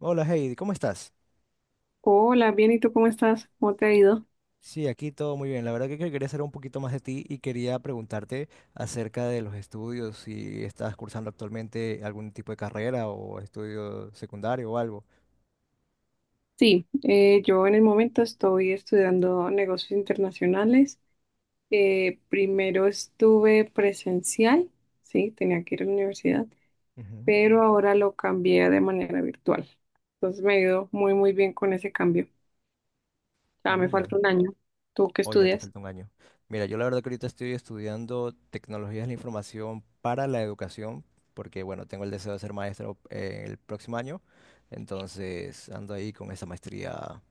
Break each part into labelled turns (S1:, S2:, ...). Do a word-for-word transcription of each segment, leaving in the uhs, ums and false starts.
S1: Hola Heidi, ¿cómo estás?
S2: Hola, bien, ¿y tú cómo estás? ¿Cómo te ha ido?
S1: Sí, aquí todo muy bien. La verdad que que quería saber un poquito más de ti y quería preguntarte acerca de los estudios, si estás cursando actualmente algún tipo de carrera o estudio secundario o algo.
S2: Sí, eh, yo en el momento estoy estudiando negocios internacionales. Eh, primero estuve presencial, sí, tenía que ir a la universidad,
S1: Ujú.
S2: pero ahora lo cambié de manera virtual. Entonces me ha ido muy, muy bien con ese cambio. Ya me
S1: Mm, la-
S2: falta un año. ¿Tú qué
S1: Oh, ya te
S2: estudias?
S1: falta un año. Mira, yo la verdad que ahorita estoy estudiando tecnologías de la información para la educación, porque bueno, tengo el deseo de ser maestro eh, el próximo año, entonces ando ahí con esa maestría.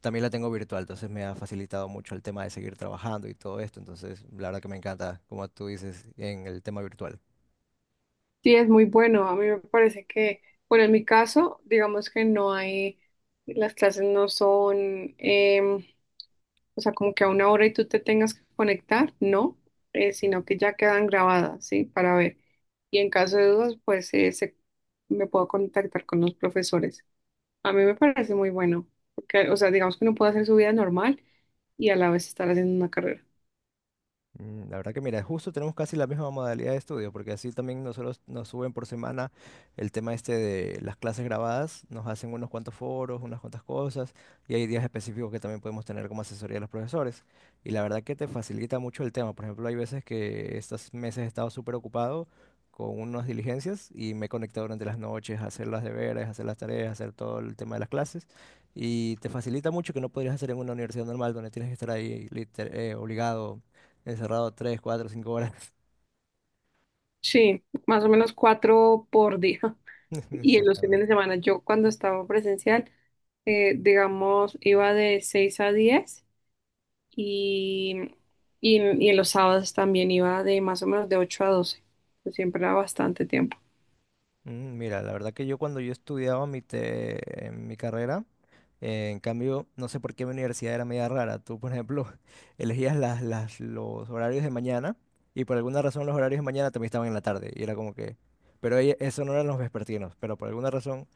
S1: También la tengo virtual, entonces me ha facilitado mucho el tema de seguir trabajando y todo esto. Entonces, la verdad que me encanta, como tú dices, en el tema virtual.
S2: Sí, es muy bueno. A mí me parece que, bueno, en mi caso, digamos que no hay, las clases no son. em, O sea, como que a una hora y tú te tengas que conectar, no, eh, sino que ya quedan grabadas, ¿sí? Para ver. Y en caso de dudas, pues eh, se- me puedo contactar con los profesores. A mí me parece muy bueno, porque, o sea, digamos que uno puede hacer su vida normal y a la vez estar haciendo una carrera.
S1: Mm, La verdad que mira, justo tenemos casi la misma modalidad de estudio, porque así también nosotros nos suben por semana el tema este de las clases grabadas, nos hacen unos cuantos foros, unas cuantas cosas, y hay días específicos que también podemos tener como asesoría de los profesores. Y la verdad que te facilita mucho el tema. Por ejemplo, hay veces que estos meses he estado súper ocupado con unas diligencias y me he conectado durante las noches a hacer las deberes, a hacer las tareas, a hacer todo el tema de las clases. Y te facilita mucho que no podrías hacer en una universidad normal donde tienes que estar ahí liter- eh, obligado, encerrado tres, cuatro, cinco horas.
S2: Sí, más o menos cuatro por día. Y en los fines
S1: Exactamente.
S2: de semana, yo cuando estaba presencial, eh, digamos, iba de seis a diez. Y, y, en y en los sábados también iba de más o menos de ocho a doce, pues siempre era bastante tiempo.
S1: Mm, Mira, la verdad que yo cuando yo estudiaba mi, te- en mi carrera, eh, en cambio, no sé por qué mi universidad era media rara. Tú, por ejemplo, elegías las, las, los horarios de mañana y por alguna razón los horarios de mañana también estaban en la tarde. Y era como que... Pero ahí- eso no eran los vespertinos, pero por alguna razón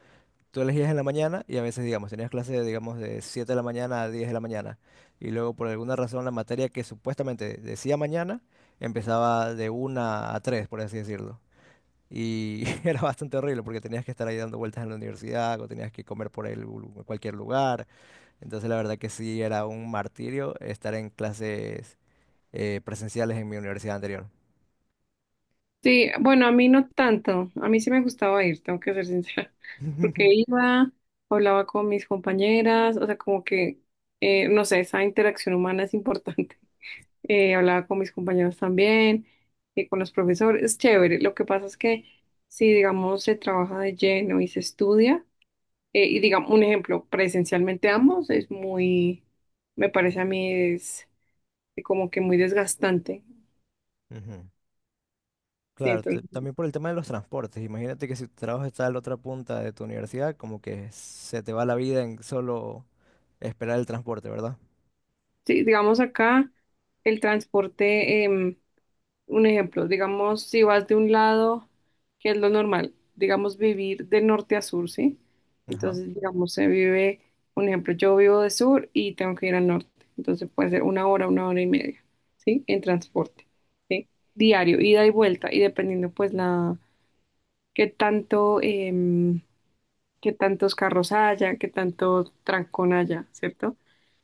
S1: tú elegías en la mañana y a veces, digamos, tenías clase, digamos, de siete de la mañana a diez de la mañana. Y luego, por alguna razón, la materia que supuestamente decía mañana empezaba de una a tres por así decirlo. Y era bastante horrible porque tenías que estar ahí dando vueltas en la universidad o tenías que comer por ahí lu- en lu- cualquier lugar. Entonces, la verdad que sí era un martirio estar en clases eh, presenciales en mi universidad anterior.
S2: Sí, bueno, a mí no tanto. A mí sí me gustaba ir, tengo que ser sincera. Porque iba, hablaba con mis compañeras, o sea, como que, eh, no sé, esa interacción humana es importante. Eh, hablaba con mis compañeros también, eh, con los profesores, es chévere. Lo que pasa es que si, digamos, se trabaja de lleno y se estudia, Eh, y digamos, un ejemplo, presencialmente ambos es muy, me parece a mí es como que muy desgastante.
S1: Ujú.
S2: Sí,
S1: Claro, t-
S2: entonces,
S1: también por el tema de los transportes. Imagínate que si tu trabajo está a la otra punta de tu universidad, como que se te va la vida en solo esperar el transporte, ¿verdad?
S2: sí, digamos acá el transporte, em, un ejemplo, digamos, si vas de un lado, que es lo normal, digamos, vivir de norte a sur, ¿sí?
S1: Ajá,
S2: Entonces, digamos, se vive, un ejemplo, yo vivo de sur y tengo que ir al norte, entonces puede ser una hora, una hora y media, ¿sí? En transporte, ¿sí? Diario, ida y vuelta, y dependiendo pues la qué tanto, em, qué tantos carros haya, qué tanto trancón haya, ¿cierto?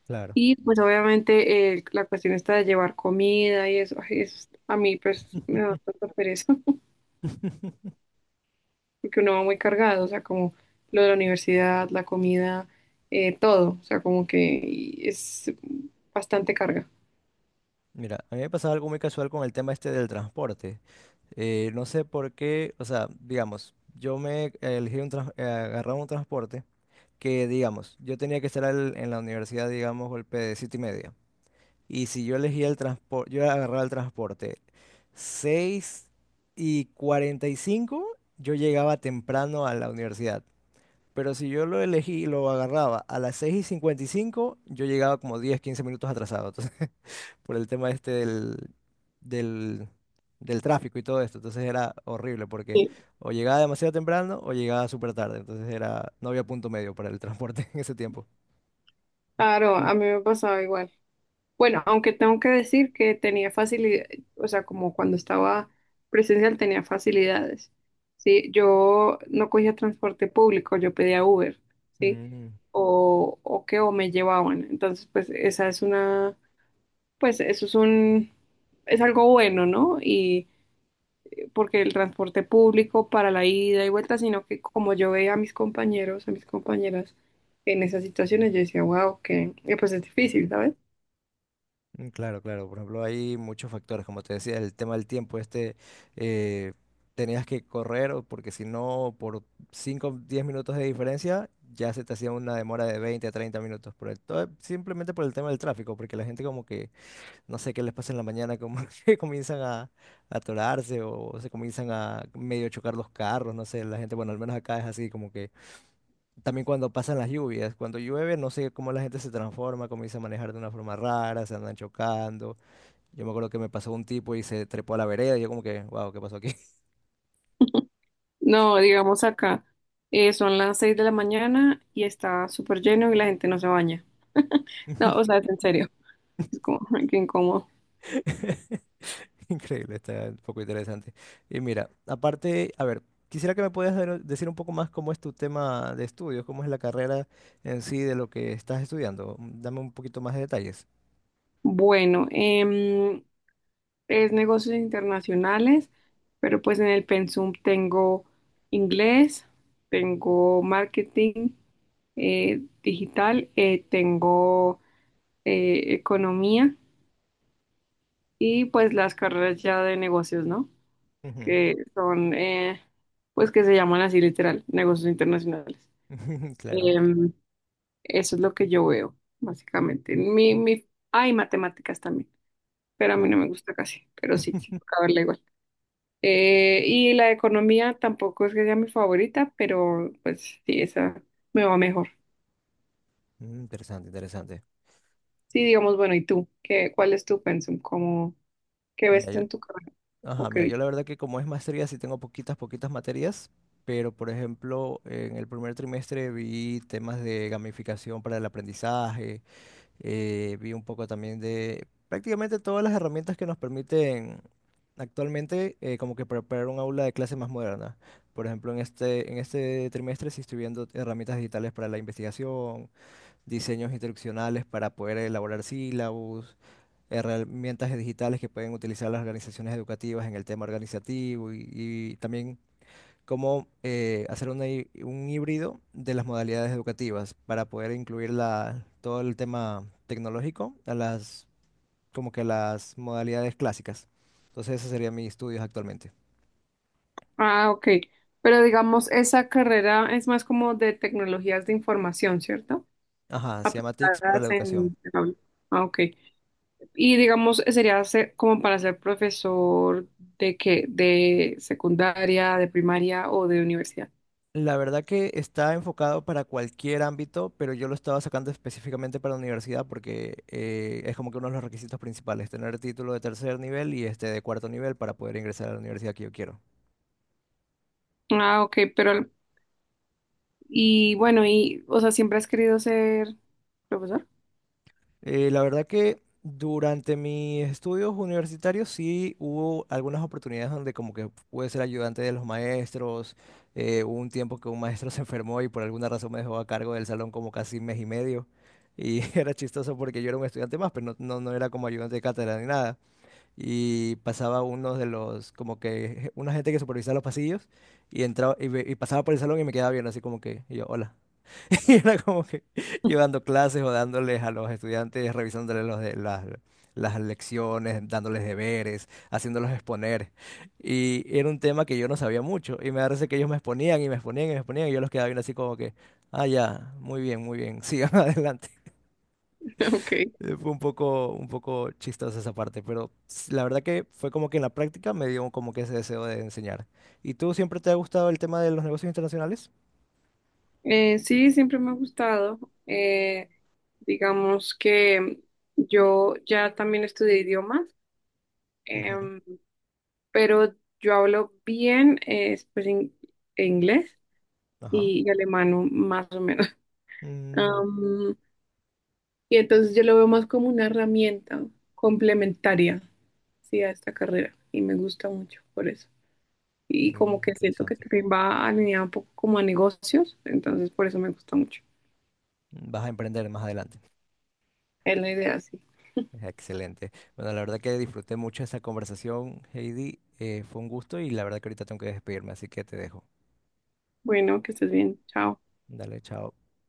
S1: claro.
S2: Y pues obviamente eh, la cuestión está de llevar comida y eso, ay, eso es- a mí pues me da tanta pereza, porque uno va muy cargado, o sea, como lo de la universidad, la comida, eh, todo, o sea, como que es bastante carga.
S1: Mira, a mí me pasaba algo muy casual con el tema este del transporte. Eh, no sé por qué, o sea, digamos, yo me elegí un trans- eh, agarraba un transporte que, digamos, yo tenía que estar al- en la universidad, digamos, golpe de siete y media. Y si yo elegía el transporte, yo agarraba el transporte seis y cuarenta y cinco, yo llegaba temprano a la universidad. Pero si yo lo elegí, lo agarraba a las seis y cincuenta y cinco, yo llegaba como diez, quince minutos atrasado. Entonces, por el tema este del, del, del tráfico y todo esto. Entonces era horrible porque
S2: Sí.
S1: o llegaba demasiado temprano o llegaba súper tarde. Entonces era, no había punto medio para el transporte en ese tiempo.
S2: Claro, a mí me pasaba igual. Bueno, aunque tengo que decir que tenía facilidad, o sea, como cuando estaba presencial tenía facilidades, ¿sí? Yo no cogía transporte público, yo pedía Uber, ¿sí?
S1: Mm.
S2: O, o que o me llevaban. Entonces, pues esa es una, pues eso es un, es algo bueno, ¿no? Y porque el transporte público para la ida y vuelta, sino que como yo veía a mis compañeros, a mis compañeras en esas situaciones, yo decía, wow, que que, pues es difícil, ¿sabes?
S1: Mm, Claro, claro. Por ejemplo, hay muchos factores, como te decía, el tema del tiempo. Este, eh, Tenías que correr o porque si no, por cinco, o diez minutos de diferencia, ya se te hacía una demora de veinte, a treinta minutos. Por el, todo- simplemente por el tema del tráfico, porque la gente como que, no sé qué les pasa en la mañana, como que comienzan a, a atorarse o se comienzan a medio chocar los carros, no sé, la gente, bueno, al menos acá es así, como que también cuando pasan las lluvias, cuando llueve, no sé cómo la gente se transforma, comienza a manejar de una forma rara, se andan chocando. Yo me acuerdo que me pasó un tipo y se trepó a la vereda y yo como que, wow, ¿qué pasó aquí?
S2: No, digamos acá, eh, son las seis de la mañana y está súper lleno y la gente no se baña. No, o sea, es en serio, es como ay, qué incómodo.
S1: Increíble, está un poco interesante. Y mira, aparte, a ver, quisiera que me puedas dar- decir un poco más cómo es tu tema de estudios, cómo es la carrera en sí de lo que estás estudiando. Mm, Dame un poquito más de detalles.
S2: Bueno, em, es negocios internacionales, pero pues en el pensum tengo inglés, tengo marketing eh, digital, eh, tengo eh, economía y pues las carreras ya de negocios, ¿no?
S1: Ujú.
S2: Que son, eh, pues que se llaman así literal, negocios internacionales.
S1: Claro.
S2: Em, Eso es lo que yo veo, básicamente. Mi, mi, hay matemáticas también, pero a mí
S1: Oh.
S2: no me gusta casi, pero sí, sí, toca verla igual. Eh, y la economía tampoco es que sea mi favorita, pero pues sí, esa me va mejor.
S1: Mm, Interesante, interesante.
S2: Sí, digamos, bueno, ¿y tú? ¿Qué, cuál es tu pensum? ¿Cómo, qué
S1: Mira,
S2: ves
S1: yo-
S2: en tu carrera? ¿O
S1: Ajá,
S2: qué
S1: mira, yo
S2: viste?
S1: la verdad que como es maestría sí tengo poquitas, poquitas materias, pero por ejemplo, en el primer trimestre vi temas de gamificación para el aprendizaje, eh, vi un poco también de prácticamente todas las herramientas que nos permiten actualmente eh, como que preparar un aula de clase más moderna. Por ejemplo, en este, en este trimestre sí estoy viendo herramientas digitales para la investigación, diseños instruccionales para poder elaborar sílabos, herramientas digitales que pueden utilizar las organizaciones educativas en el tema organizativo y, y también cómo eh, hacer una hí- un híbrido de las modalidades educativas para poder incluir la- todo el tema tecnológico a las, como que a las modalidades clásicas. Entonces, esos serían mis estudios actualmente.
S2: Ah, ok. Pero digamos, esa carrera es más como de tecnologías de información, ¿cierto?
S1: Ajá, se llama T I C S para la
S2: Aplicadas
S1: educación.
S2: en en aula. Ah, ok. Y digamos, sería ser- como para ser profesor de qué, de secundaria, de primaria o de universidad.
S1: La verdad que está enfocado para cualquier ámbito, pero yo lo estaba sacando específicamente para la universidad porque eh, es como que uno de los requisitos principales, tener título de tercer nivel y este de cuarto nivel para poder ingresar a la universidad que yo quiero.
S2: Ah, ok, pero y bueno, y o sea, ¿siempre has querido ser profesor?
S1: Eh, la verdad que durante mis estudios universitarios sí hubo algunas oportunidades donde como que pude ser ayudante de los maestros. Eh, hubo un tiempo que un maestro se enfermó y por alguna razón me dejó a cargo del salón como casi mes y medio. Y era chistoso porque yo era un estudiante más, pero no, no, no era como ayudante de cátedra ni nada. Y pasaba uno de los, como que je- una gente que supervisaba los pasillos y entraba y, ve- y pasaba por el salón y me quedaba viendo así como que, y yo, hola. Y era como que yo dando clases o dándoles a los estudiantes, revisándoles los de, las, las lecciones, dándoles deberes, haciéndolos exponer. Y era un tema que yo no sabía mucho. Y me parece que ellos me exponían y me exponían y me exponían. Y yo los quedaba viendo así como que, ah, ya, muy bien, muy bien, sigan adelante.
S2: Ok.
S1: Eh, Fue un poco, un poco chistosa esa parte, pero s- la verdad que fue como que en la práctica me dio como que ese deseo de enseñar. ¿Y tú siempre te ha gustado el tema de los negocios internacionales?
S2: Eh, sí, siempre me ha gustado. Eh, digamos que yo ya también estudié idiomas,
S1: Ujú,
S2: em, pero yo hablo bien eh, pues, in- inglés.
S1: ajá.
S2: y, y alemano, más o menos.
S1: Mm,
S2: Am, y entonces yo lo veo más como una herramienta complementaria, sí, a esta carrera y me gusta mucho por eso. Y
S1: mm,
S2: como que siento que
S1: interesante.
S2: también va alineado un poco como a negocios, entonces por eso me gusta mucho.
S1: Vas a emprender más adelante.
S2: Es la idea, sí.
S1: Excelente. Bueno, la verdad que disfruté mucho esa conversación, Heidi. Eh, fue un gusto y la verdad que ahorita tengo que despedirme, así que te dejo.
S2: Bueno, que estés bien. Chao.
S1: Dale, chao.